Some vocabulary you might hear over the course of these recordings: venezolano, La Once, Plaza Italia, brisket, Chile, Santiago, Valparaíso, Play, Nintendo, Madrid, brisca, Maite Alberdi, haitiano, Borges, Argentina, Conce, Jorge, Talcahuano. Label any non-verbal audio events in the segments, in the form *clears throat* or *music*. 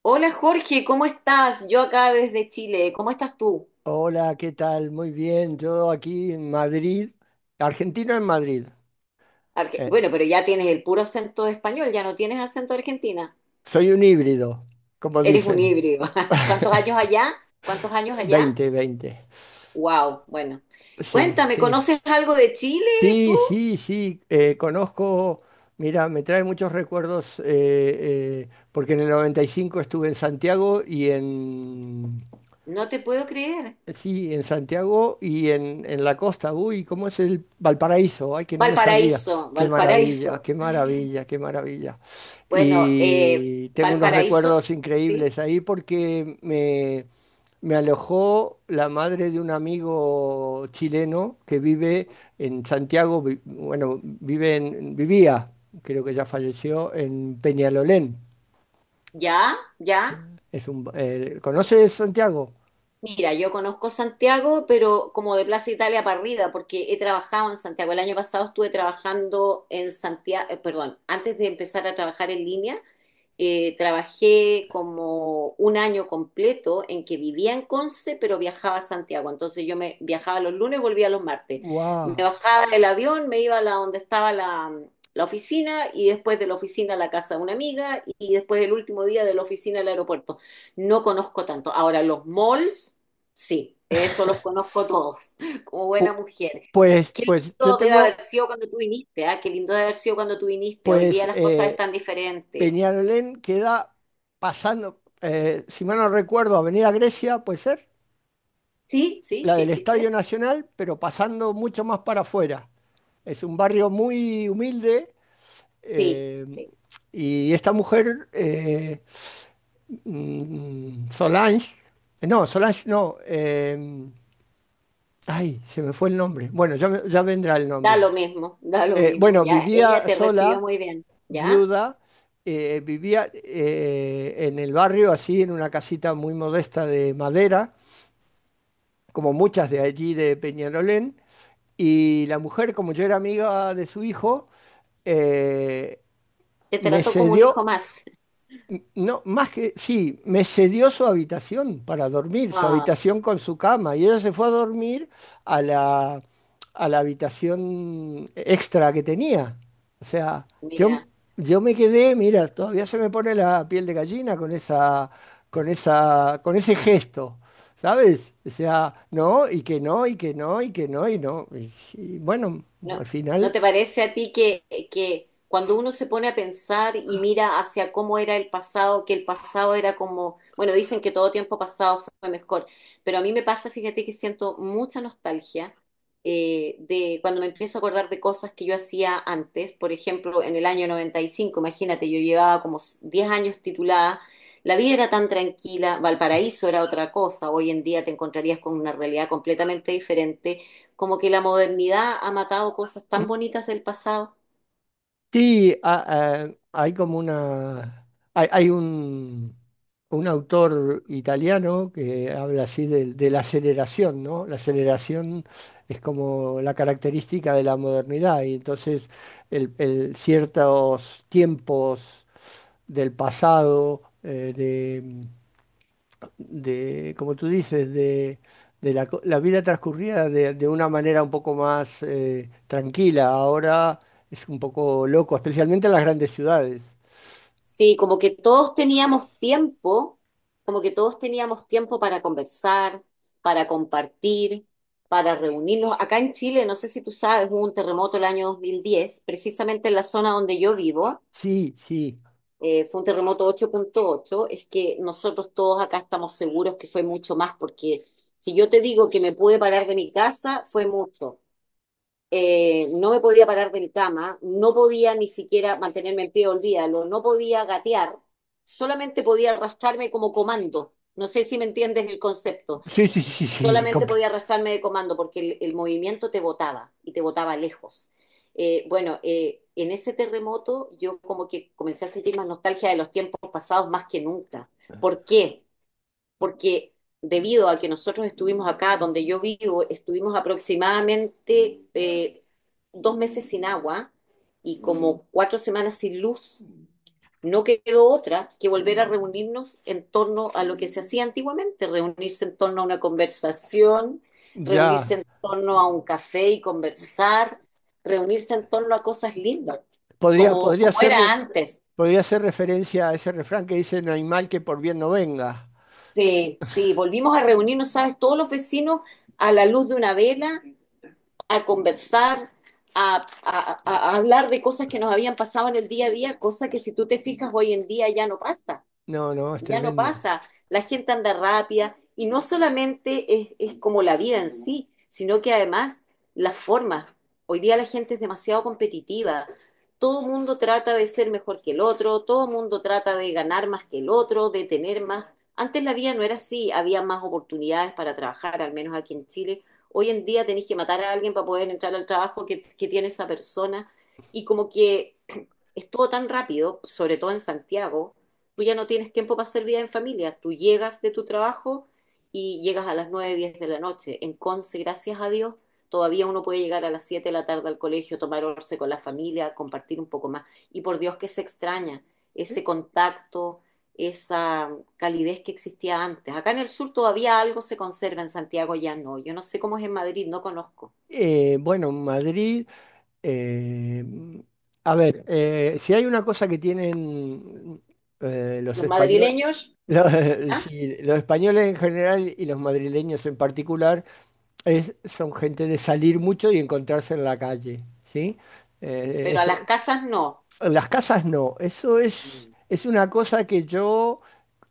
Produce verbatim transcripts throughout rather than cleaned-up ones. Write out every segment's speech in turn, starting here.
Hola Jorge, ¿cómo estás? Yo acá desde Chile, ¿cómo estás tú? Hola, ¿qué tal? Muy bien, yo aquí en Madrid, argentino en Madrid. Arge- Eh, Bueno, pero ya tienes el puro acento español, ya no tienes acento de Argentina. Soy un híbrido, como Eres un dicen. híbrido. *laughs* ¿Cuántos años *laughs* allá? ¿Cuántos años allá? Veinte, veinte. Wow, bueno. Sí, Cuéntame, sí. ¿conoces algo de Chile tú? Sí, sí, sí, eh, conozco, mira, me trae muchos recuerdos eh, eh, porque en el noventa y cinco estuve en Santiago y en, No te puedo creer. Eh, Sí, en Santiago y en, en la costa. Uy, ¿cómo es el Valparaíso? Ay, que no me salía. Valparaíso, Qué Valparaíso. maravilla, qué maravilla, qué maravilla. Bueno, eh, Y tengo unos Valparaíso, recuerdos ¿sí? increíbles ahí porque me, me alojó la madre de un amigo chileno que vive en Santiago, vi- bueno, vive en- vivía, creo que ya falleció, en Peñalolén. ¿Ya? ¿Ya? Es un, ba- eh, ¿conoces Santiago? Mira, yo conozco Santiago, pero como de Plaza Italia para arriba, porque he trabajado en Santiago. El año pasado estuve trabajando en Santiago, eh, perdón, antes de empezar a trabajar en línea, eh, trabajé como un año completo en que vivía en Conce, pero viajaba a Santiago. Entonces yo me viajaba los lunes, y volvía los martes. Me ¡Wow! bajaba del avión, me iba a la, donde estaba la, la oficina y después de la oficina a la casa de una amiga y después el último día de la oficina al aeropuerto. No conozco tanto. Ahora, los malls, sí, eso los conozco todos, *laughs* como buena Pu- mujer. Pues, Qué pues yo lindo debe haber tengo, sido cuando tú viniste, ¿ah? Qué lindo debe haber sido cuando tú viniste. Hoy día pues las cosas eh, están diferentes. Peñalolén queda pasando, eh, si mal no recuerdo, Avenida Grecia, puede ser, Sí, sí, la sí del Estadio existe. Nacional, pero pasando mucho más para afuera. Es un barrio muy humilde, Sí, eh, sí. y esta mujer, eh, mm, Solange, eh, no, Solange no, eh, ay, se me fue el nombre, bueno, ya, me- ya vendrá el Da nombre. lo mismo, *laughs* da lo Eh, mismo. Bueno, Ya, ella vivía te recibió sola, muy bien, ¿ya? viuda, eh, vivía eh, en el barrio, así, en una casita muy modesta de madera, como muchas de allí de Peñarolén. Y la mujer, como yo era amiga de su hijo, eh, Te me trató como un hijo cedió más. N- No, más que, sí, me cedió su habitación para dormir, su Ah, habitación con su cama, y ella se fue a dormir a la, a la habitación extra que tenía. O sea, yo, mira. yo me quedé, mira, todavía se me pone la piel de gallina con esa, con esa, con ese gesto, ¿sabes? O sea, no, y que no, y que no, y que no, y no. y y bueno, al ¿No, final. ¿no te parece a ti que, que cuando uno se pone a pensar y mira hacia cómo era el pasado, que el pasado era como, bueno, dicen que todo tiempo pasado fue mejor, pero a mí me pasa, fíjate que siento mucha nostalgia eh, de cuando me empiezo a acordar de cosas que yo hacía antes, por ejemplo, en el año noventa y cinco, imagínate, yo llevaba como diez años titulada. La vida era tan tranquila, Valparaíso era otra cosa, hoy en día te encontrarías con una realidad completamente diferente, como que la modernidad ha matado cosas tan bonitas del pasado. Sí, a- a- hay como una. Hay, hay un, un autor italiano que habla así de, de la aceleración, ¿no? La aceleración es como la característica de la modernidad, y entonces el, el- ciertos tiempos del pasado, de, como tú dices, de, de la, co- la vida transcurrida de, de una manera un poco más eh, tranquila. Ahora es un poco loco, especialmente en las grandes ciudades. Sí, como que todos teníamos tiempo, como que todos teníamos tiempo para conversar, para compartir, para reunirnos. Acá en Chile, no sé si tú sabes, hubo un terremoto el año dos mil diez precisamente en la zona donde yo vivo, Sí, sí, eh, fue un terremoto ocho punto ocho, es que nosotros todos acá estamos seguros que fue mucho más, porque si yo te digo que me pude parar de mi casa, fue mucho. Eh, no me podía parar del cama, no podía ni siquiera mantenerme en pie, olvídalo, no podía gatear, solamente podía arrastrarme como comando. No sé si me entiendes el concepto. sí, sí, sí, sí, *laughs* Solamente comple- podía arrastrarme de comando porque el, el movimiento te botaba y te botaba lejos. Eh, bueno, eh, en ese terremoto yo como que comencé a sentir más nostalgia de los tiempos pasados más que nunca. ¿Por qué? Porque debido a que nosotros estuvimos acá, donde yo vivo, estuvimos aproximadamente eh, dos meses sin agua y como cuatro semanas sin luz, no quedó otra que volver a reunirnos en torno a lo que se hacía antiguamente, reunirse en torno a una conversación, reunirse ya. en torno a un café y conversar, reunirse en torno a cosas lindas, Podría, como, podría como ser, era re- antes. podría ser referencia a ese refrán que dice, no hay mal que por bien no venga. Sí, sí, volvimos a reunirnos, ¿sabes? Todos los vecinos a la luz de una vela, a conversar, a, a, a hablar de cosas que nos habían pasado en el día a día, cosas que si tú te fijas hoy en día ya no pasa, No, no, es ya no tremendo. pasa. La gente anda rápida y no solamente es, es como la vida en sí, sino que además las formas. Hoy día la gente es demasiado competitiva. Todo el mundo trata de ser mejor que el otro, todo el mundo trata de ganar más que el otro, de tener más. Antes la vida no era así, había más oportunidades para trabajar, al menos aquí en Chile. Hoy en día tenés que matar a alguien para poder entrar al trabajo que, que tiene esa persona. Y como que *clears throat* estuvo tan rápido, sobre todo en Santiago, tú ya no tienes tiempo para hacer vida en familia. Tú llegas de tu trabajo y llegas a las nueve diez de la noche. En Conce, gracias a Dios, todavía uno puede llegar a las siete de la tarde al colegio, tomar once con la familia, compartir un poco más. Y por Dios que se extraña ese contacto, esa calidez que existía antes. Acá en el sur todavía algo se conserva, en Santiago ya no. Yo no sé cómo es en Madrid, no conozco. Eh, bueno, Madrid. Eh, a ver, eh, si hay una cosa que tienen eh, los Los españoles, madrileños, *laughs* los ¿ya? sí, los españoles en general y los madrileños en particular, es, son gente de salir mucho y encontrarse en la calle, ¿sí? Eh, Pero a eso- las casas no. en las casas no, eso es, Mm. es una cosa que yo,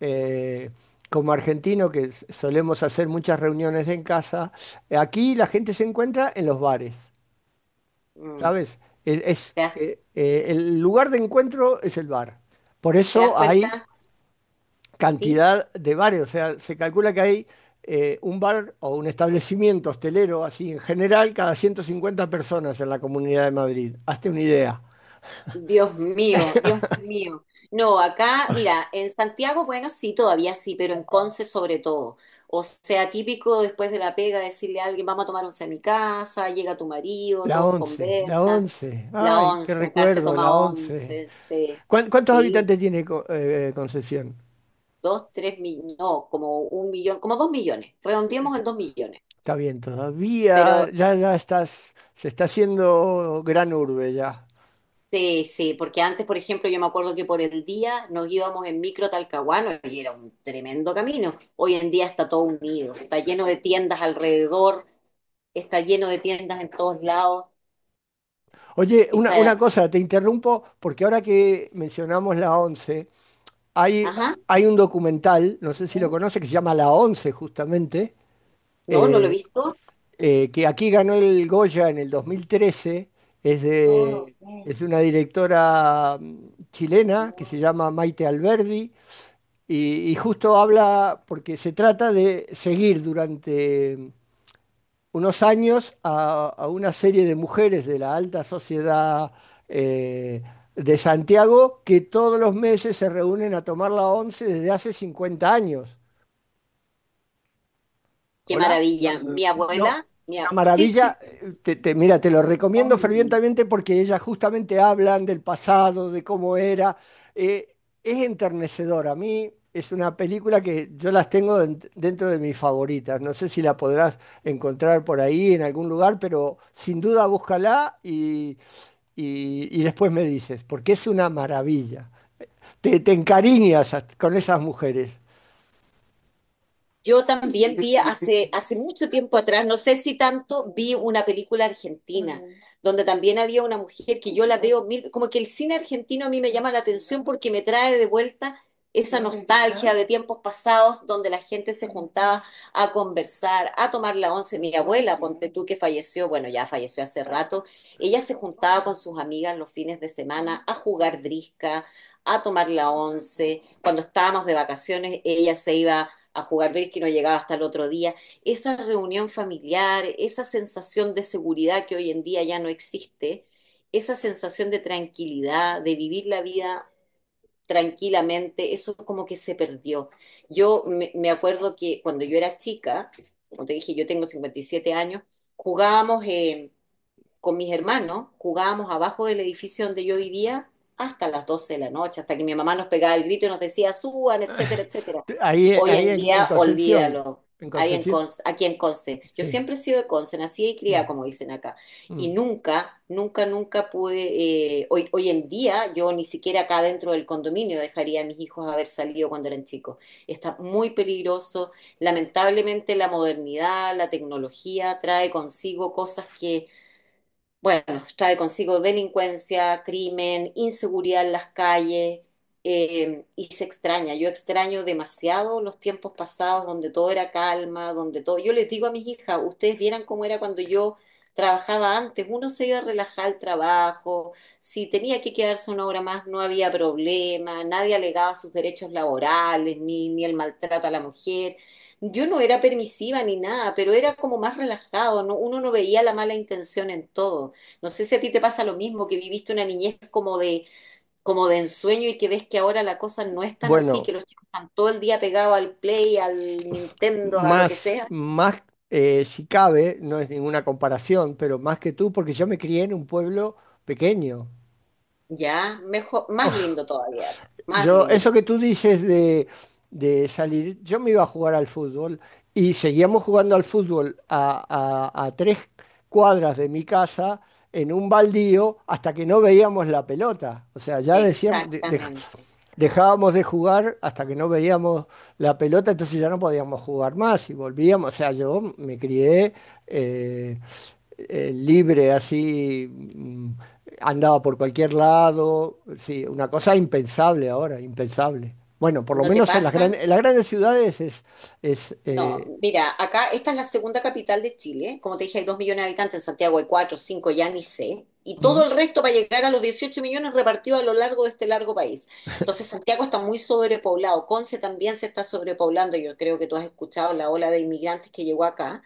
eh, como argentino, que s- solemos hacer muchas reuniones en casa, aquí la gente se encuentra en los bares. Mm. ¿Sabes? Es, es, ¿Te das, eh, eh, El lugar de encuentro es el bar. Por te das eso cuenta? hay ¿Sí? cantidad de bares. O sea, se calcula que hay eh, un bar o un establecimiento hostelero, así en general, cada ciento cincuenta personas en la Comunidad de Madrid. Hazte una idea. Dios mío, Dios mío. No, acá, mira, en Santiago, bueno, sí, todavía sí, pero en Conce sobre todo. O sea, típico después de la pega decirle a alguien, vamos a tomar once a mi casa, llega tu marido, La todos once, la conversan, once. la Ay, qué once, acá se recuerdo, toma la once. once, sí, ¿Cuán- ¿Cuántos sí, habitantes tiene Co- eh, Concepción? dos, tres millones, no, como un millón, como dos millones, redondeemos Está en dos millones, Está bien, todavía pero ya, ya estás, se está haciendo gran urbe ya. sí, sí, porque antes, por ejemplo, yo me acuerdo que por el día nos íbamos en micro a Talcahuano y era un tremendo camino. Hoy en día está todo unido, está lleno de tiendas alrededor, está lleno de tiendas en todos lados, Oye, una, una está... cosa, te interrumpo porque ahora que mencionamos la once, hay, Ajá. hay un documental, no sé si lo Mira, conoce, que se llama La Once justamente, no, no lo he eh, visto. eh, que aquí ganó el Goya en el dos mil trece, es No lo de, sé, es de una directora mm, chilena que se no. llama Maite Alberdi y, y justo habla porque se trata de seguir durante unos años a, a una serie de mujeres de la alta sociedad eh, de Santiago que todos los meses se reúnen a tomar la once desde hace cincuenta años. Qué ¿Hola? maravilla. Mi No, abuela, mi una ab- Sí, sí. maravilla. Te, te- mira, te lo recomiendo fervientemente porque ellas justamente hablan del pasado, de cómo era. Eh, es enternecedor. A mí es una película que yo las tengo en- dentro de mis favoritas. No sé si la podrás encontrar por ahí en algún lugar, pero sin duda búscala y, y- y después me dices, porque es una maravilla. Te, te encariñas a- con esas mujeres. Yo también vi hace, hace mucho tiempo atrás, no sé si tanto, vi una película argentina, donde también había una mujer que yo la veo mil, como que el cine argentino a mí me llama la atención porque me trae de vuelta esa nostalgia de tiempos pasados donde la gente se juntaba a conversar, a tomar la once. Mi abuela, ponte tú que falleció, bueno, ya falleció hace rato, ella se juntaba con sus amigas los fines de semana a jugar brisca, a tomar la once. Cuando estábamos de vacaciones, ella se iba a jugar brisket y no llegaba hasta el otro día. Esa reunión familiar, esa sensación de seguridad que hoy en día ya no existe, esa sensación de tranquilidad, de vivir la vida tranquilamente, eso como que se perdió. Yo me, me acuerdo que cuando yo era chica, como te dije, yo tengo cincuenta y siete años, jugábamos eh, con mis hermanos, jugábamos abajo del edificio donde yo vivía hasta las doce de la noche, hasta que mi mamá nos pegaba el grito y nos decía, suban, etcétera, *laughs* etcétera. Ahí, Hoy ahí en en, En día, Concepción. olvídalo. En Ahí en Concepción. Conce- aquí en Conce. Yo Sí. siempre he sido de Conce, nacida y Mm. criada, como dicen acá. Y Mm. nunca, nunca, nunca pude. Eh, hoy, hoy en día, yo ni siquiera acá dentro del condominio dejaría a mis hijos haber salido cuando eran chicos. Está muy peligroso. Lamentablemente, la modernidad, la tecnología trae consigo cosas que bueno, trae consigo delincuencia, crimen, inseguridad en las calles, eh, y se extraña. Yo extraño demasiado los tiempos pasados donde todo era calma, donde todo... Yo les digo a mis hijas, ustedes vieran cómo era cuando yo trabajaba antes. Uno se iba a relajar al trabajo, si tenía que quedarse una hora más no había problema, nadie alegaba sus derechos laborales, ni, ni el maltrato a la mujer. Yo no era permisiva ni nada, pero era como más relajado, ¿no? Uno no veía la mala intención en todo. No sé si a ti te pasa lo mismo, que viviste una niñez como de, como de ensueño y que ves que ahora la cosa no es tan así, que Bueno, los chicos están todo el día pegados al Play, al Nintendo, a lo que más, sea. más eh, si cabe, no es ninguna comparación, pero más que tú, porque yo me crié en un pueblo pequeño. Ya, mejor, más lindo todavía, más Yo, eso lindo. que tú dices de, de salir, yo me iba a jugar al fútbol y seguíamos jugando al fútbol a, a- a tres cuadras de mi casa en un baldío hasta que no veíamos la pelota. O sea, ya decíamos, de- de- Exactamente. dejábamos de jugar hasta que no veíamos la pelota, entonces ya no podíamos jugar más y volvíamos. O sea, yo me crié eh, eh, libre, así, mm, andaba por cualquier lado. Sí, una cosa impensable ahora, impensable. Bueno, por lo ¿No te menos en las pasa? grandes, en las grandes ciudades es, es No, eh, mira, acá esta es la segunda capital de Chile. Como te dije, hay dos millones de habitantes, en Santiago hay cuatro, cinco, ya ni sé. Y mm, todo el resto va a llegar a los dieciocho millones repartidos a lo largo de este largo país. Entonces, Santiago está muy sobrepoblado. Conce también se está sobrepoblando. Yo creo que tú has escuchado la ola de inmigrantes que llegó acá,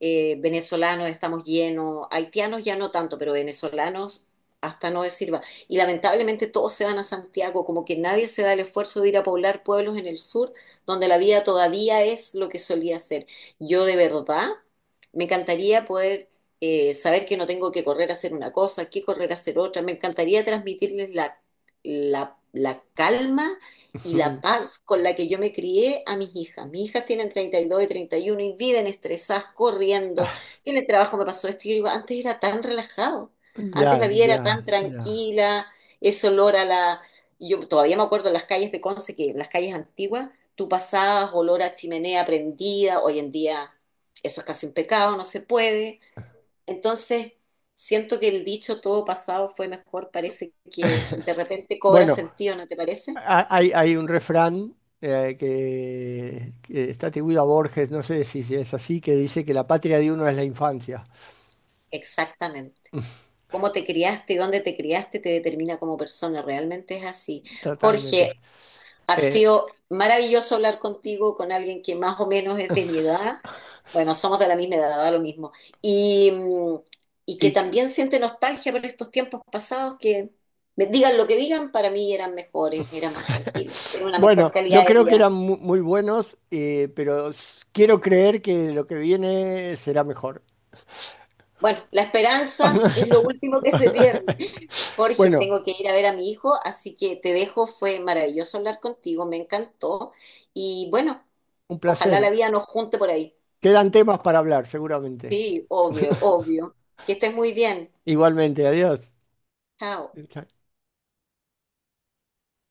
eh, venezolanos estamos llenos, haitianos ya no tanto, pero venezolanos hasta no decir va. Y lamentablemente todos se van a Santiago, como que nadie se da el esfuerzo de ir a poblar pueblos en el sur, donde la vida todavía es lo que solía ser. Yo de verdad me encantaría poder eh, saber que no tengo que correr a hacer una cosa, que correr a hacer otra. Me encantaría transmitirles la, la, la calma y la ujú. paz con la que yo me crié a mis hijas. Mis hijas tienen treinta y 31 y treinta y uno y viven estresadas, corriendo. *laughs* Y en el trabajo me pasó esto. Y yo digo, antes era tan relajado, Ya, antes la vida ya, era tan ya. tranquila, ese olor a la... Yo todavía me acuerdo en las calles de Conce, que en las calles antiguas, tú pasabas olor a chimenea prendida, hoy en día eso es casi un pecado, no se puede. Entonces, siento que el dicho todo pasado fue mejor, parece que de repente cobra Bueno, sentido, ¿no te parece? ha- hay, hay un refrán eh, que, que está atribuido a Borges, no sé si, si es así, que dice que la patria de uno es la infancia. Exactamente. Cómo te criaste, dónde te criaste, te determina como persona. Realmente es así. Jorge, Totalmente. ha Eh, sido maravilloso hablar contigo, con alguien que más o menos es de mi edad. Bueno, somos de la misma edad, da lo mismo. Y, mm, y que y, también siente nostalgia por estos tiempos pasados que, me digan lo que digan, para mí eran mejores, eran más *laughs* tranquilos, era una mejor Bueno, calidad yo de creo que vida. eran mu- muy buenos, eh, pero s- quiero creer que lo que viene será mejor. Bueno, la esperanza es lo *laughs* último que se pierde. Jorge, Bueno, tengo que ir a ver a mi hijo, así que te dejo. Fue maravilloso hablar contigo, me encantó. Y bueno, un ojalá la placer. vida nos junte por ahí. Quedan temas para hablar, seguramente. Sí, obvio, obvio. Que estés muy bien. Igualmente, adiós. Chao.